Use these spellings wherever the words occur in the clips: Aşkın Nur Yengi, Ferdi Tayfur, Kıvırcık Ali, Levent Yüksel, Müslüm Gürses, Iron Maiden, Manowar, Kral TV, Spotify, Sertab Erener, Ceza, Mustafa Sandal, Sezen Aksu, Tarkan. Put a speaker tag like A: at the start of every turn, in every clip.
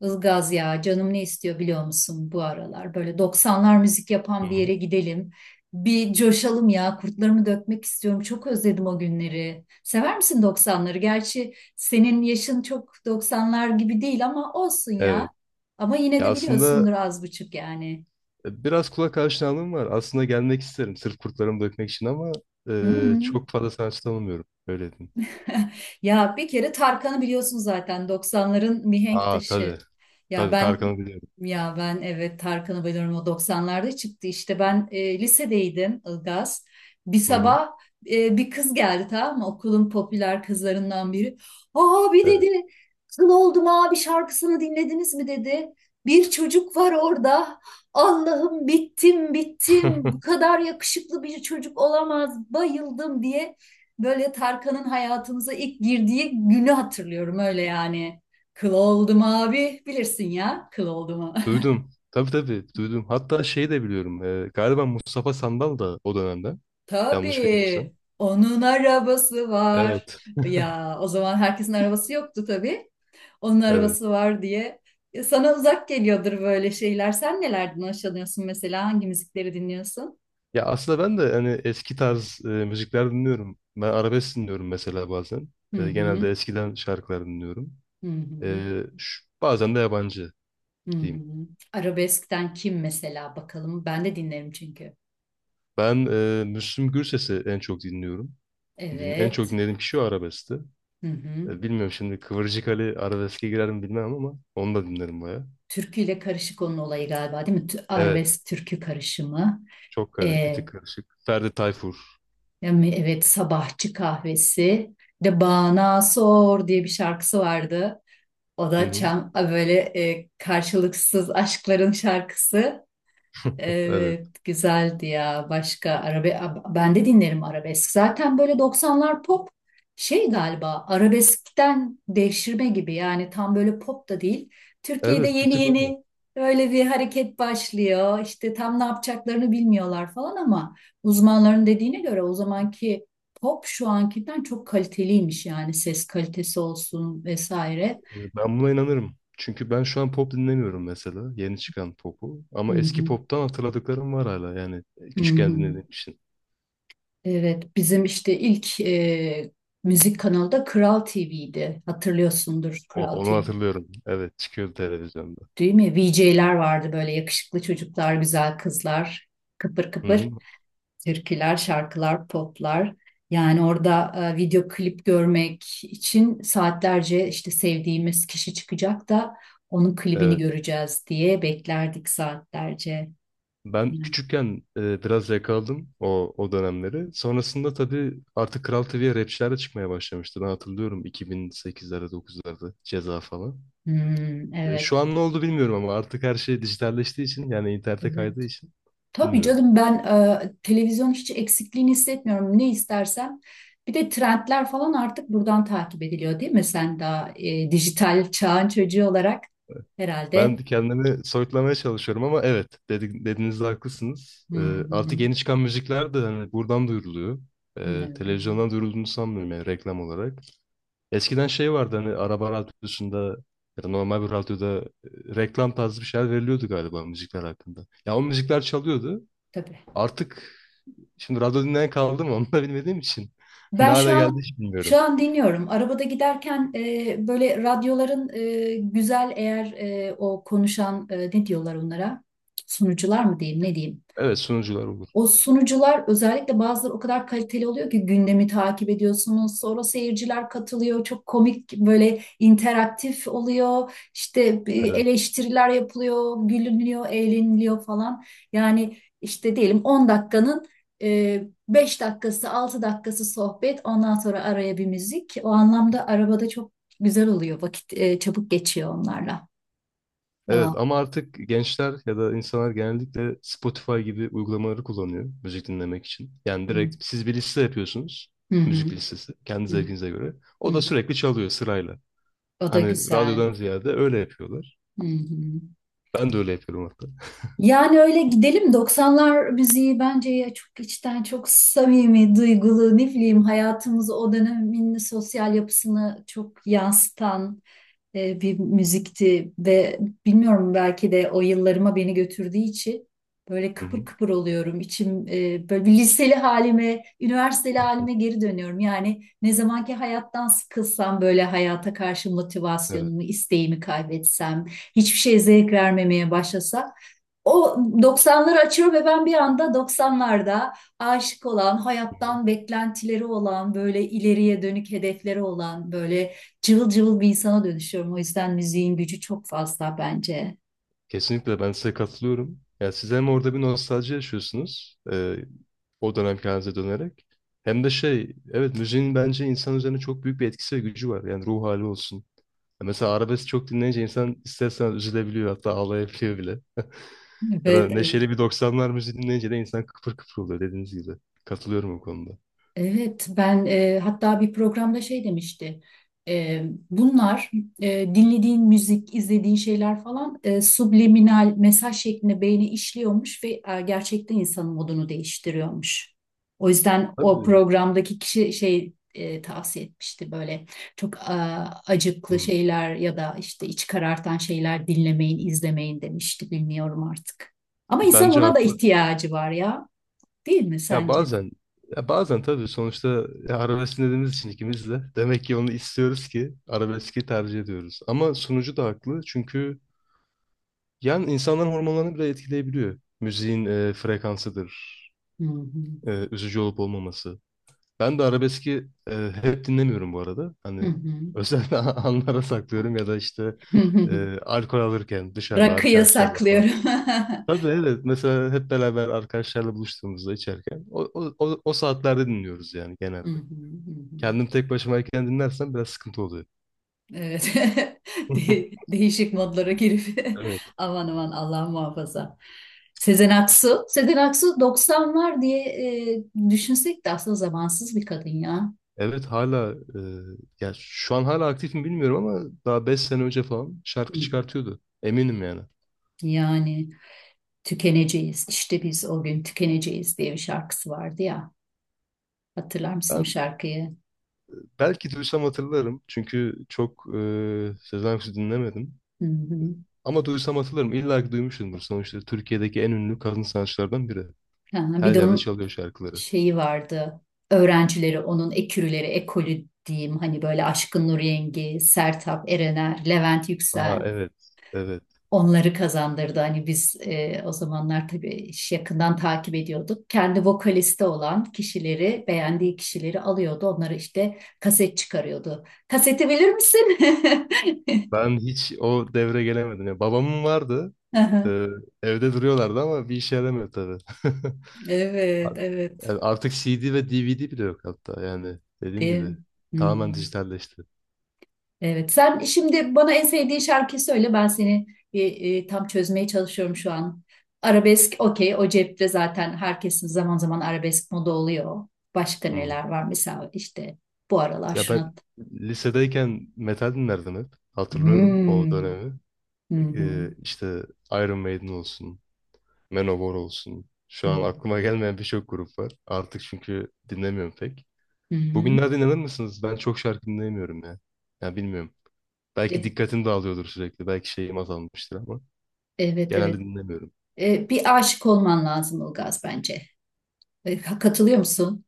A: Ilgaz ya canım ne istiyor biliyor musun bu aralar? Böyle doksanlar müzik
B: Hı
A: yapan bir
B: hı.
A: yere gidelim. Bir coşalım ya kurtlarımı dökmek istiyorum. Çok özledim o günleri. Sever misin doksanları? Gerçi senin yaşın çok doksanlar gibi değil ama olsun
B: Evet.
A: ya. Ama yine
B: Ya
A: de
B: aslında
A: biliyorsundur az buçuk yani.
B: biraz kulak aşinalığım var. Aslında gelmek isterim sırf kurtlarımı dökmek için ama
A: Hı hı.
B: çok fazla sanatçı tanımıyorum. Öyle diyeyim.
A: Ya bir kere Tarkan'ı biliyorsun zaten 90'ların mihenk
B: Aa
A: taşı.
B: tabii.
A: Ya
B: Tabii
A: ben
B: Tarkan'ı biliyorum.
A: ya ben, evet Tarkan'ı biliyorum, o 90'larda çıktı, işte ben lisedeydim Ilgaz. Bir
B: Hı hı.
A: sabah bir kız geldi, tamam mı, okulun popüler kızlarından biri. Aa, bir
B: Evet.
A: dedi, kıl oldum abi şarkısını dinlediniz mi dedi. Bir çocuk var orada. Allah'ım bittim bittim, bu kadar yakışıklı bir çocuk olamaz, bayıldım diye. Böyle Tarkan'ın hayatımıza ilk girdiği günü hatırlıyorum öyle yani. Kıl oldum abi, bilirsin ya, kıl oldum.
B: Duydum. Tabii, tabii duydum. Hatta şey de biliyorum. Galiba Mustafa Sandal da o dönemden. Yanlış bilmiyorsam.
A: Tabii onun arabası var.
B: Evet.
A: Ya o zaman herkesin arabası yoktu tabii. Onun
B: Evet.
A: arabası var diye. Sana uzak geliyordur böyle şeyler. Sen nelerden hoşlanıyorsun mesela? Hangi müzikleri dinliyorsun?
B: Ya aslında ben de hani eski tarz müzikler dinliyorum. Ben arabesk dinliyorum mesela bazen.
A: Hı hı,
B: Genelde eskiden şarkılar dinliyorum.
A: hı hı,
B: Bazen de yabancı
A: hı
B: diyeyim.
A: hı. Arabeskten kim mesela bakalım? Ben de dinlerim çünkü.
B: Ben Müslüm Gürses'i en çok dinliyorum. En çok
A: Evet.
B: dinlediğim kişi o, arabeskti.
A: Hı hı.
B: Bilmiyorum, şimdi Kıvırcık Ali arabeske girer mi bilmem, ama onu da dinlerim baya.
A: Türküyle karışık onun olayı galiba, değil mi?
B: Evet.
A: Arabesk türkü karışımı.
B: Çok karı, bir
A: Ee,
B: tık karışık. Ferdi Tayfur.
A: Yani evet, sabahçı kahvesi. Bir de Bana Sor diye bir şarkısı vardı. O
B: Hı
A: da
B: hı.
A: çam böyle karşılıksız aşkların şarkısı.
B: Evet.
A: Evet, güzeldi ya. Ben de dinlerim arabesk. Zaten böyle doksanlar pop şey galiba arabeskten devşirme gibi, yani tam böyle pop da değil. Türkiye'de
B: Evet, bir
A: yeni
B: tık öyle.
A: yeni öyle bir hareket başlıyor. İşte tam ne yapacaklarını bilmiyorlar falan, ama uzmanların dediğine göre o zamanki pop şu ankinden çok kaliteliymiş, yani ses kalitesi olsun vesaire.
B: Ben buna inanırım. Çünkü ben şu an pop dinlemiyorum mesela. Yeni çıkan popu.
A: Hı
B: Ama eski
A: hı.
B: poptan hatırladıklarım var hala. Yani
A: Hı
B: küçükken
A: hı.
B: dinlediğim için.
A: Evet, bizim işte ilk müzik kanalı da Kral TV'ydi. Hatırlıyorsundur Kral
B: Onu
A: TV,
B: hatırlıyorum. Evet, çıkıyordu televizyonda.
A: değil mi? VJ'ler vardı, böyle yakışıklı çocuklar, güzel kızlar, kıpır
B: Hı
A: kıpır
B: hı.
A: türküler, şarkılar, poplar. Yani orada video klip görmek için saatlerce, işte sevdiğimiz kişi çıkacak da onun klibini
B: Evet.
A: göreceğiz diye beklerdik saatlerce.
B: Ben
A: Yani,
B: küçükken biraz yakaladım o dönemleri. Sonrasında tabii artık Kral TV'ye rapçiler de çıkmaya başlamıştı. Ben hatırlıyorum, 2008'lerde 9'larda Ceza falan.
A: hmm, evet,
B: Şu an ne oldu bilmiyorum, ama artık her şey dijitalleştiği için, yani internete kaydığı
A: evet.
B: için
A: Tabii
B: bilmiyorum.
A: canım, ben televizyon hiç eksikliğini hissetmiyorum. Ne istersem. Bir de trendler falan artık buradan takip ediliyor, değil mi? Sen daha dijital çağın çocuğu olarak
B: Ben
A: herhalde.
B: kendimi soyutlamaya çalışıyorum, ama evet, dediğinizde haklısınız.
A: Hı hı.
B: Artık yeni çıkan müzikler de hani buradan duyuruluyor.
A: Evet.
B: Televizyondan duyurulduğunu sanmıyorum, yani reklam olarak. Eskiden şey vardı, hani araba radyosunda ya da normal bir radyoda reklam tarzı bir şeyler veriliyordu galiba müzikler hakkında. Ya o müzikler çalıyordu.
A: Tabii.
B: Artık şimdi radyo dinleyen kaldı mı onu da bilmediğim için ne
A: Ben şu
B: hale geldi
A: an
B: hiç bilmiyorum.
A: şu an dinliyorum. Arabada giderken böyle radyoların güzel eğer o konuşan, ne diyorlar onlara? Sunucular mı diyeyim, ne diyeyim?
B: Evet, sunucular olur.
A: O sunucular, özellikle bazıları, o kadar kaliteli oluyor ki gündemi takip ediyorsunuz. Sonra seyirciler katılıyor. Çok komik, böyle interaktif oluyor. İşte bir
B: Evet.
A: eleştiriler yapılıyor, gülünüyor, eğleniliyor falan. Yani işte diyelim 10 dakikanın 5 dakikası, 6 dakikası sohbet. Ondan sonra araya bir müzik. O anlamda arabada çok güzel oluyor. Vakit çabuk geçiyor onlarla.
B: Evet,
A: Devam.
B: ama artık gençler ya da insanlar genellikle Spotify gibi uygulamaları kullanıyor müzik dinlemek için. Yani
A: Hı.
B: direkt siz bir liste yapıyorsunuz. Müzik listesi, kendi
A: Hı hı.
B: zevkinize göre.
A: Hı
B: O da
A: hı.
B: sürekli çalıyor sırayla.
A: O da
B: Hani
A: güzel.
B: radyodan ziyade öyle yapıyorlar.
A: Hı hı.
B: Ben de öyle yapıyorum hatta.
A: Yani öyle gidelim, 90'lar müziği bence ya çok içten, çok samimi, duygulu, ne bileyim, hayatımızı, o dönemin sosyal yapısını çok yansıtan bir müzikti ve bilmiyorum, belki de o yıllarıma beni götürdüğü için böyle
B: Hı
A: kıpır
B: hı.
A: kıpır oluyorum. İçim böyle bir liseli halime, üniversiteli halime geri dönüyorum. Yani ne zamanki hayattan sıkılsam, böyle hayata karşı
B: Evet.
A: motivasyonumu, isteğimi kaybetsem, hiçbir şeye zevk vermemeye başlasam, o 90'ları açıyor ve ben bir anda 90'larda aşık olan,
B: Hı hı.
A: hayattan beklentileri olan, böyle ileriye dönük hedefleri olan, böyle cıvıl cıvıl bir insana dönüşüyorum. O yüzden müziğin gücü çok fazla bence.
B: Kesinlikle ben size katılıyorum. Yani siz hem orada bir nostalji yaşıyorsunuz, o dönemki halinize dönerek. Hem de şey, evet, müziğin bence insan üzerine çok büyük bir etkisi ve gücü var. Yani ruh hali olsun. Ya mesela arabesk çok dinleyince insan istersen üzülebiliyor, hatta ağlayabiliyor bile. Ya da
A: Evet, evet.
B: neşeli bir doksanlar müziği dinleyince de insan kıpır kıpır oluyor, dediğiniz gibi. Katılıyorum bu konuda.
A: Evet, ben hatta bir programda şey demişti. E, Bunlar dinlediğin müzik, izlediğin şeyler falan, subliminal mesaj şeklinde beyni işliyormuş ve gerçekten insanın modunu değiştiriyormuş. O yüzden o
B: Tabii.
A: programdaki kişi şey, tavsiye etmişti, böyle çok acıklı
B: Hı.
A: şeyler ya da işte iç karartan şeyler dinlemeyin, izlemeyin demişti. Bilmiyorum artık. Ama insan
B: Bence
A: ona da
B: haklı.
A: ihtiyacı var ya, değil mi
B: Ya
A: sence?
B: bazen ya bazen tabii, sonuçta ya arabesk dinlediğimiz için ikimiz de, demek ki onu istiyoruz ki arabeski tercih ediyoruz. Ama sunucu da haklı, çünkü yani insanların hormonlarını bile etkileyebiliyor. Müziğin frekansıdır,
A: Hı hı.
B: üzücü olup olmaması. Ben de arabeski hep dinlemiyorum bu arada.
A: Hı
B: Hani
A: hı.
B: özel anlara saklıyorum ya da işte alkol alırken dışarıda
A: Rakı
B: arkadaşlarla falan.
A: yasaklıyorum.
B: Tabii, evet, mesela hep beraber arkadaşlarla buluştuğumuzda içerken o saatlerde dinliyoruz yani
A: Hı
B: genelde.
A: hı, hı hı.
B: Kendim tek başımayken dinlersem biraz sıkıntı oluyor.
A: Evet. Değişik modlara girip
B: Evet.
A: aman aman Allah muhafaza. Sezen Aksu. Sezen Aksu doksanlar diye e, düşünsek de aslında zamansız bir kadın ya.
B: Evet hala ya şu an hala aktif mi bilmiyorum, ama daha 5 sene önce falan
A: Hı.
B: şarkı çıkartıyordu. Eminim yani.
A: Yani tükeneceğiz. İşte biz o gün tükeneceğiz diye bir şarkısı vardı ya. Hatırlar mısın o
B: Ben
A: şarkıyı?
B: belki duysam hatırlarım, çünkü çok Sezen Aksu dinlemedim.
A: Hı hı.
B: Ama duysam hatırlarım. İlla ki duymuşumdur. Sonuçta Türkiye'deki en ünlü kadın sanatçılardan biri.
A: Ha, bir
B: Her
A: de
B: yerde
A: onun
B: çalıyor şarkıları.
A: şeyi vardı. Öğrencileri, onun ekürüleri, ekolü diyeyim. Hani böyle Aşkın Nur Yengi, Sertab Erener, Levent
B: Aa
A: Yüksel
B: evet. Evet.
A: onları kazandırdı. Hani biz o zamanlar tabii iş yakından takip ediyorduk. Kendi vokalisti olan kişileri, beğendiği kişileri alıyordu. Onları işte kaset çıkarıyordu. Kaseti bilir misin?
B: Ben hiç o devre gelemedim. Ya, babamın vardı.
A: Aha.
B: E, Evde duruyorlardı ama bir işe yaramıyor tabii.
A: Evet, evet.
B: Yani artık CD ve DVD bile yok hatta, yani dediğim
A: Değil mi?
B: gibi tamamen
A: Hmm.
B: dijitalleşti.
A: Evet, sen şimdi bana en sevdiğin şarkıyı söyle. Ben seni tam çözmeye çalışıyorum şu an. Arabesk, okey. O cepte zaten, herkesin zaman zaman arabesk moda oluyor. Başka
B: Hı hı.
A: neler var? Mesela işte bu aralar
B: Ya ben
A: şuna...
B: lisedeyken metal dinlerdim hep. Hatırlıyorum o
A: Hmm.
B: dönemi.
A: Hı hı.
B: İşte Iron Maiden olsun, Manowar olsun.
A: Hı
B: Şu an aklıma gelmeyen birçok grup var. Artık çünkü dinlemiyorum pek.
A: hı.
B: Bugünlerde inanır mısınız, ben çok şarkı dinleyemiyorum ya. Ya bilmiyorum. Belki
A: E.
B: dikkatim dağılıyordur sürekli. Belki şeyim azalmıştır, ama
A: Evet, evet.
B: genelde dinlemiyorum.
A: Bir aşık olman lazım Ilgaz bence. Katılıyor musun?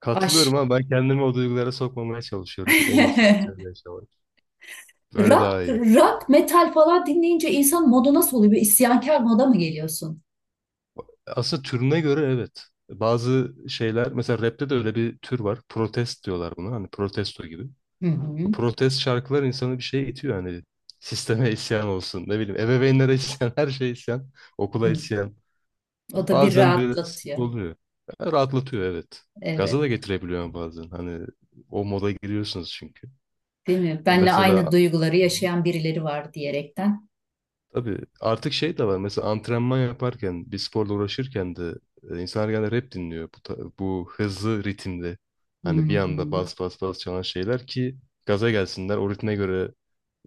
B: Katılıyorum,
A: Aş.
B: ama ben kendimi o duygulara sokmamaya çalışıyorum. En iyisi bence öyle yaşamak. Öyle
A: Rock,
B: daha iyi.
A: rock, metal falan dinleyince insan modu nasıl oluyor? Bir isyankar moda mı geliyorsun?
B: Aslında türüne göre evet. Bazı şeyler, mesela rapte de öyle bir tür var. Protest diyorlar buna. Hani protesto gibi.
A: Hı
B: Bu
A: hı.
B: protest şarkılar insanı bir şeye itiyor. Hani sisteme isyan olsun. Ne bileyim, ebeveynlere isyan. Her şeye isyan. Okula
A: Hı.
B: isyan.
A: O da bir
B: Bazen böyle sıkıntı
A: rahatlatıyor.
B: oluyor. Ya, rahatlatıyor, evet. Gaza da
A: Evet,
B: getirebiliyor bazen. Hani o moda giriyorsunuz çünkü.
A: değil mi? Benle aynı
B: Mesela
A: duyguları yaşayan birileri var diyerekten.
B: tabii artık şey de var, mesela antrenman yaparken, bir sporla uğraşırken de insanlar genelde rap dinliyor, bu hızlı ritimde,
A: Hı
B: hani bir anda
A: hı.
B: bas bas bas çalan şeyler ki gaza gelsinler, o ritme göre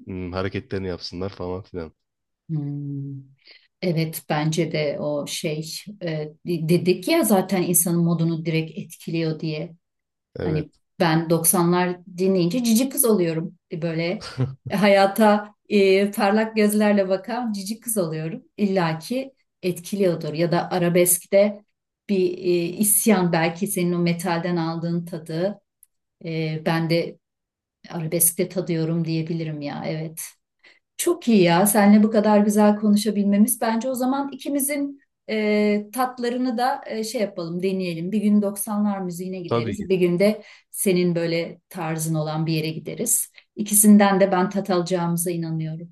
B: hareketlerini yapsınlar falan filan.
A: Hı. Evet, bence de o e, dedik ya zaten, insanın modunu direkt etkiliyor diye.
B: Evet,
A: Hani ben 90'lar dinleyince cici kız oluyorum. Böyle hayata parlak gözlerle bakan cici kız oluyorum. İlla ki etkiliyordur. Ya da arabeskte bir isyan, belki senin o metalden aldığın tadı ben de arabeskte tadıyorum diyebilirim ya. Evet. Çok iyi ya. Seninle bu kadar güzel konuşabilmemiz. Bence o zaman ikimizin tatlarını da şey yapalım, deneyelim. Bir gün 90'lar müziğine
B: tabii ki
A: gideriz. Bir gün de senin böyle tarzın olan bir yere gideriz. İkisinden de ben tat alacağımıza inanıyorum.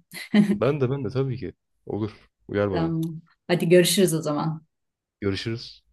B: ben de tabii ki olur, uyar bana,
A: Tamam. Hadi görüşürüz o zaman.
B: görüşürüz.